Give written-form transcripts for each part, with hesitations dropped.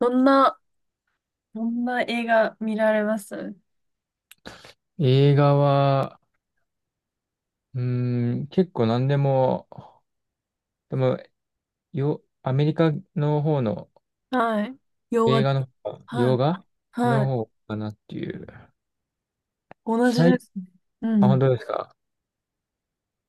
どんな、どんな映画見られます？映画は、うー結構何でも、でも、アメリカの方のはい、洋画、映画の方が、は洋い、画はのい、方かなっていう。同じで最、すね。うあ、本ん。当ですか？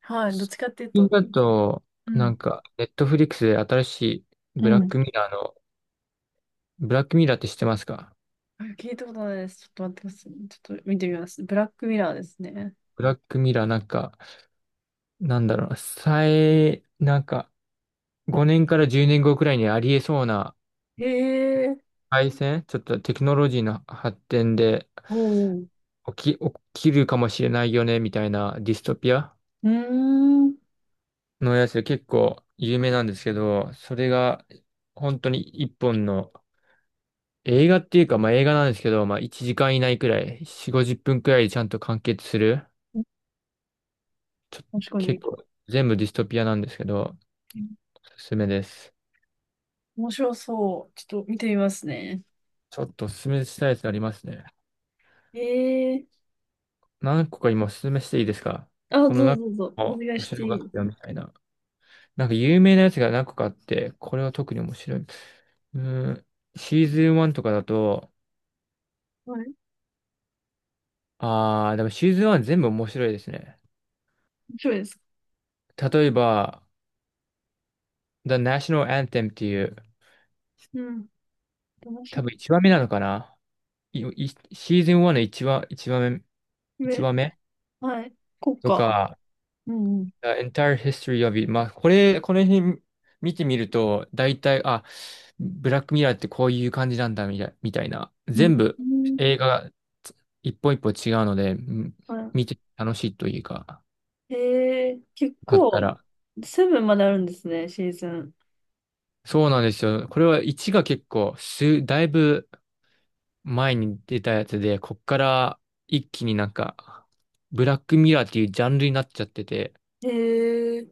はい、どっちかっていう最近と、だと、うなん。んか、ネットフリックスで新しいうブラッん。クミラーの、ブラックミラーって知ってますか？あ、聞いたことないです。ちょっと待ってください。ちょっと見てみます。ブラックミラーですね。ブラックミラーなんか、なんだろうな、なんか、5年から10年後くらいにありえそうな、へえ、回線、ちょっとテクノロジーの発展で、おう、起きるかもしれないよね、みたいなディストピアうーん。のやつで結構有名なんですけど、それが本当に一本の映画っていうか、まあ映画なんですけど、まあ1時間以内くらい、4、50分くらいでちゃんと完結する。ちょ、確かに。結構全部ディストピアなんですけど、おすすめです。面白そう。ちょっと見てみますね。ちょっとおすすめしたいやつありますね。へえー。何個か今おすすめしていいですか？あ、どうこのぞ中どうぞ。おも願い面して白かいっいですたよみたいな。なんか有名なやつが何個かあって、これは特に面白い。ーん、シーズン1とかだと、か？はい、あー、でもシーズン1全部面白いですね。面白いですか？例えば、The National Anthem っていう、うん、楽し多分1話目なのかな。いいシーズン1の1話、1話目、み。1え、話目はい。こうとか。か、うんうん。The entire history of it。まあ、この辺見てみると、大体、あ、ブラックミラーってこういう感じなんだ、みたいな。う全部ん、映画がつ一本一本違うので、うん、見はて楽しいというか、い。へえ、結かった構、ら。セブンまであるんですね、シーズン。そうなんですよ。これは1が結構、だいぶ前に出たやつで、こっから一気になんか、ブラックミラーっていうジャンルになっちゃってて、へえ、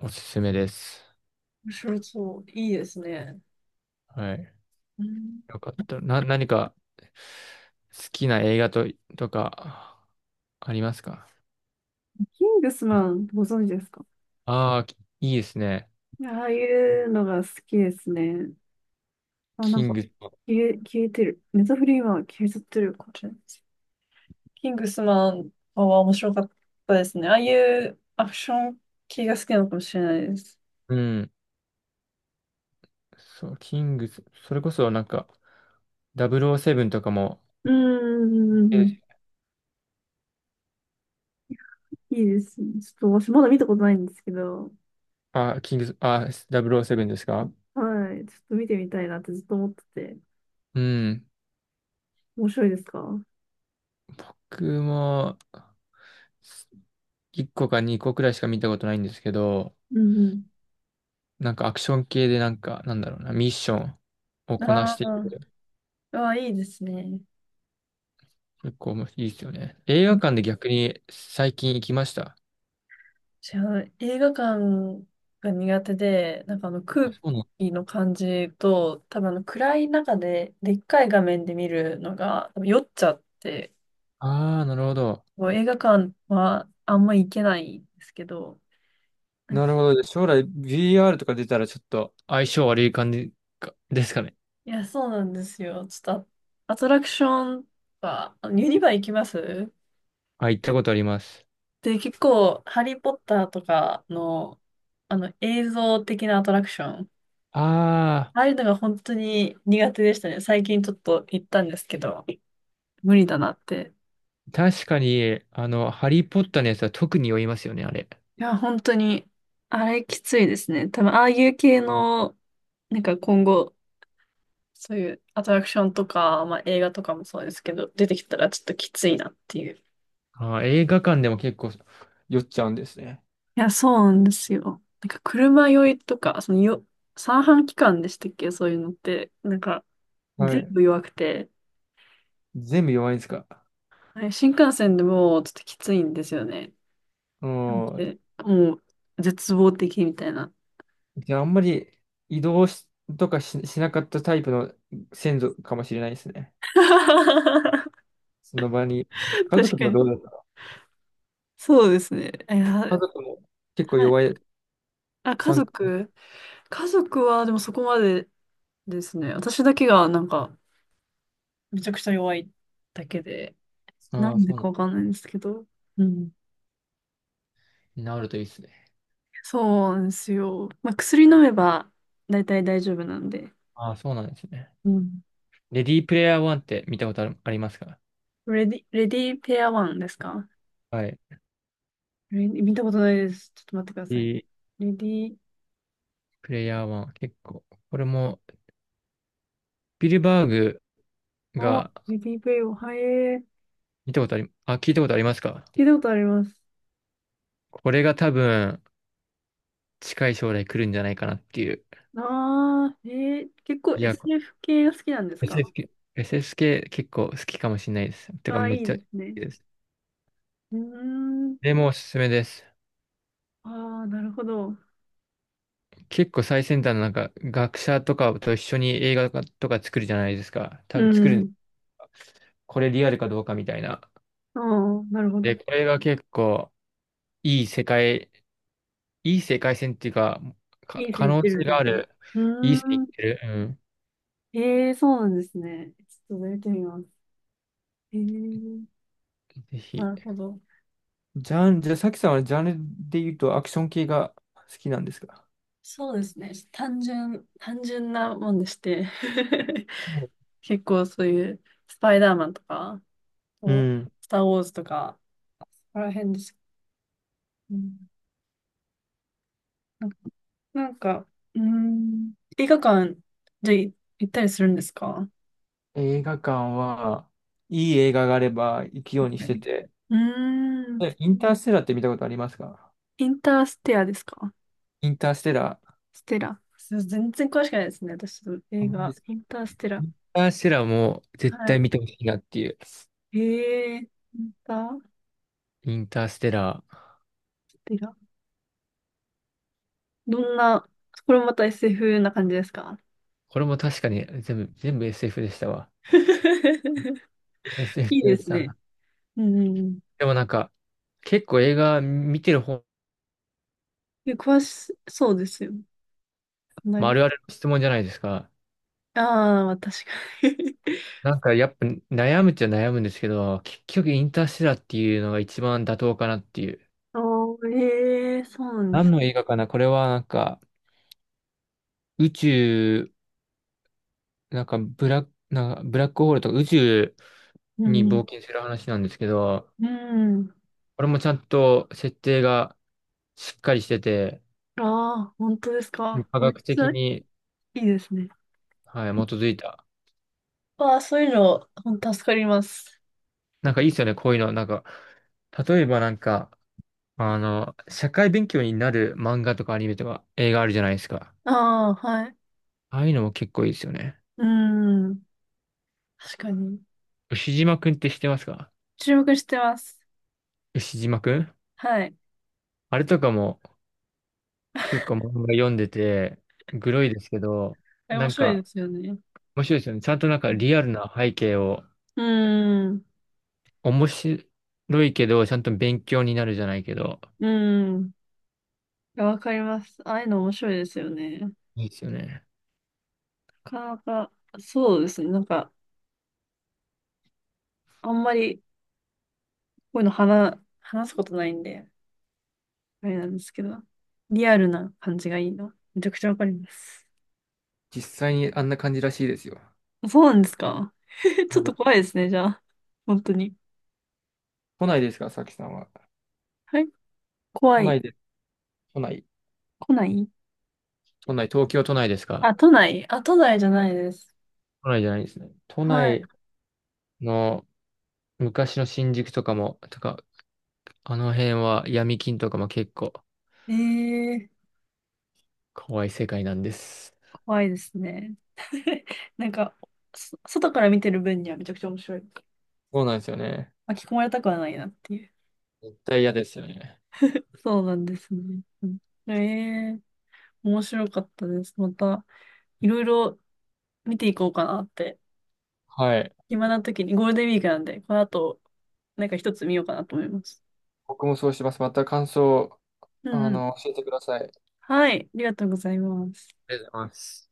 おすすめです。面白そう。いいですね。はい。うん、よかった。何か好きな映画とかありますか？キングスマン、ご存知ですか？ああー、いいですね。ああいうのが好きですね。あ、なキんンか、グス。消えてる。ネタフリーは消えちゃってるかもしれないです。キングスマンは面白かったですね。ああいうアクション系が好きなのかもしれないです。うん。そう、キングス。それこそなんか、007とかも、うんうん、えいいですね。ちょっと私まだ見たことないんですけど、あ、キングス、あ、007ですか？はい。ちょっと見てみたいなってずっと思ってて。うん。面白いですか？うん僕も、す1個か2個くらいしか見たことないんですけど、うなんかアクション系でなんか、なんだろうな、ミッションをん。こなしあていあ、くああ、いいですね。結構もいいですよね。映画館で逆に最近行きました。私は映画館が苦手で、なんかあのあ、空そうなの。気の感じと、多分あの暗い中で、でっかい画面で見るのが、多分酔っちゃって、ああ、なるほど。もう映画館はあんま行けないんですけど、なんなか、るほど。将来 VR とか出たらちょっと、相性悪い感じかですかね。いや、そうなんですよ。ちょっとアアトラクションは、あのユニバ行きます。あ、行ったことあります。で、結構、ハリー・ポッターとかの、あの、映像的なアトラクション、あああいうのが本当に苦手でしたね。最近ちょっと行ったんですけど、無理だなって。あ、確かに、ハリー・ポッターのやつは特に酔いますよね、あれ。いや、本当に、あれきついですね。多分、ああいう系の、なんか今後、そういうアトラクションとか、まあ映画とかもそうですけど、出てきたらちょっときついなっていう。いあー、映画館でも結構、酔っちゃうんですね。や、そうなんですよ。なんか車酔いとか、そのよ、三半規管でしたっけ？そういうのって、なんかは全い。部弱くて、全部弱いんですか？はい、新幹線でもうちょっときついんですよね。うなんん。で、もう絶望的みたいな。じゃあ、あんまり移動しとかしなかったタイプの先祖かもしれないですね。確その場に。家族とかはどうに。だった？そうですね。い家や、族も結構はい。弱いあ、家参加。族。家族はでもそこまでですね。私だけがなんかめちゃくちゃ弱いだけで、なああ、んでそうなかわかんないんですけど。うん。ん。なるといいですね。そうなんですよ。まあ、薬飲めば大体大丈夫なんで。ああ、そうなんですね。うん。レディープレイヤー1って見たことありますか？レディペアワンですか？はい。レレディ見たことないです。ちょっと待ってくだデさい。ィーレディー、プレイヤー1、結構。これも、スピルバーグあ、がレディープレイを、はい、見たことあり、あ、聞いたことありますか？聞いたことあります。これが多分、近い将来来るんじゃないかなっていう。ああ、結構 いや、SF 系が好きなんですか？ SSK、SSK 結構好きかもしれないです。てか、ああ、めいっいちでゃ好すね。きです。うーん、でもおすすめです。ああ、なるほど。結構最先端のなんか学者とかと一緒に映画とか作るじゃないですか。多う分作る、ん、これリアルかどうかみたいな。ああ、なるほで、ど。これが結構いい世界、いい世界線っていうか、いい可線いっ能てる性んですがあね。る、ういい線いーっん、てる。うん。ええ、そうなんですね。ちょっとやってみます。ええ、ぜひ。なるほど。ジャン、じゃあ、さきさんはジャンルで言うとアクション系が好きなんですか？そうですね。単純なもんでして。結構そういうスパイダーマンとか、うこん。うスター・ウォーズとか、そこら辺です。うん、なんか、なんか、うーん、映画館、じゃあ行ったりするんですか？映画館は、いい映画があれば行くようにうしてん、て。うーん、インターステラーって見たことありますか？インターステラですか？インターステラー。ステラ。そう全然詳しくないですね、私、映あ、画。インターステラ。インターステラーも絶は対い。見てほしいなっていう。インターインターステラー。ステラ。どんな、これもまた SF な感じですか？ これも確かに全部 SF でしたわ。SF いいでですね。さうんうんうん。でもなんか、結構映画見てる方、で詳しそうですよ。まあ、あ隣。るあるの質問じゃないですか。ああ、まあ確かに。 なんかやっぱ悩むっちゃ悩むんですけど、結局インターステラーっていうのが一番妥当かなっていう。おー、ええ、そうなんで何す。の映画かな、これはなんか、宇宙、なんかブラックホールとか宇宙うに冒ん。険する話なんですけど、うん。これもちゃんと設定がしっかりしてて、ああ、本当ですか。科めっ学ちゃ的いに、いですね。はい、基づいた。ああ、そういうの、ほんと助かります。なんかいいですよね、こういうの。なんか、例えばなんか、社会勉強になる漫画とかアニメとか映画あるじゃないですか。ああ、はい。ああいうのも結構いいですよね。うん。確かに。牛島くんって知ってますか？注目してます。牛島くん、はい。あれとかも結構漫画読んでて、グロいですけど、あれな面ん白いでかすよね。面白いですよね。ちゃんとなんかリアルな背景を、うん。面白いけど、ちゃんと勉強になるじゃないけど、うん。いや、わかります。ああいうの面白いですよね。ないいですよね。かなか、そうですね。なんか、あんまり、こういうの話すことないんで。あれなんですけど、リアルな感じがいいな。めちゃくちゃわかります。実際にあんな感じらしいですよ。そうなんですか？ ちょやっばとい。怖いですね、じゃあ。本当に。都内ですか、さきさんは。はい。怖都い。内で、都内。来ない。都内、東京都内ですか？あ、都内。あ、都内じゃないです。都内じゃないですね。都はい。内の昔の新宿とかも、あの辺は闇金とかも結構ええ、怖い世界なんです。怖いですね。なんか、外から見てる分にはめちゃくちゃ面白い。そうなんですよね。巻き込まれたくはないなっていう。絶対嫌ですよね。そうなんですね。ええー、面白かったです。また、いろいろ見ていこうかなって、はい。暇な時に、ゴールデンウィークなんで、この後、なんか一つ見ようかなと思います。僕もそうしてます。また感想、うんうん。教えてください。ありがはい、ありがとうございます。とうございます。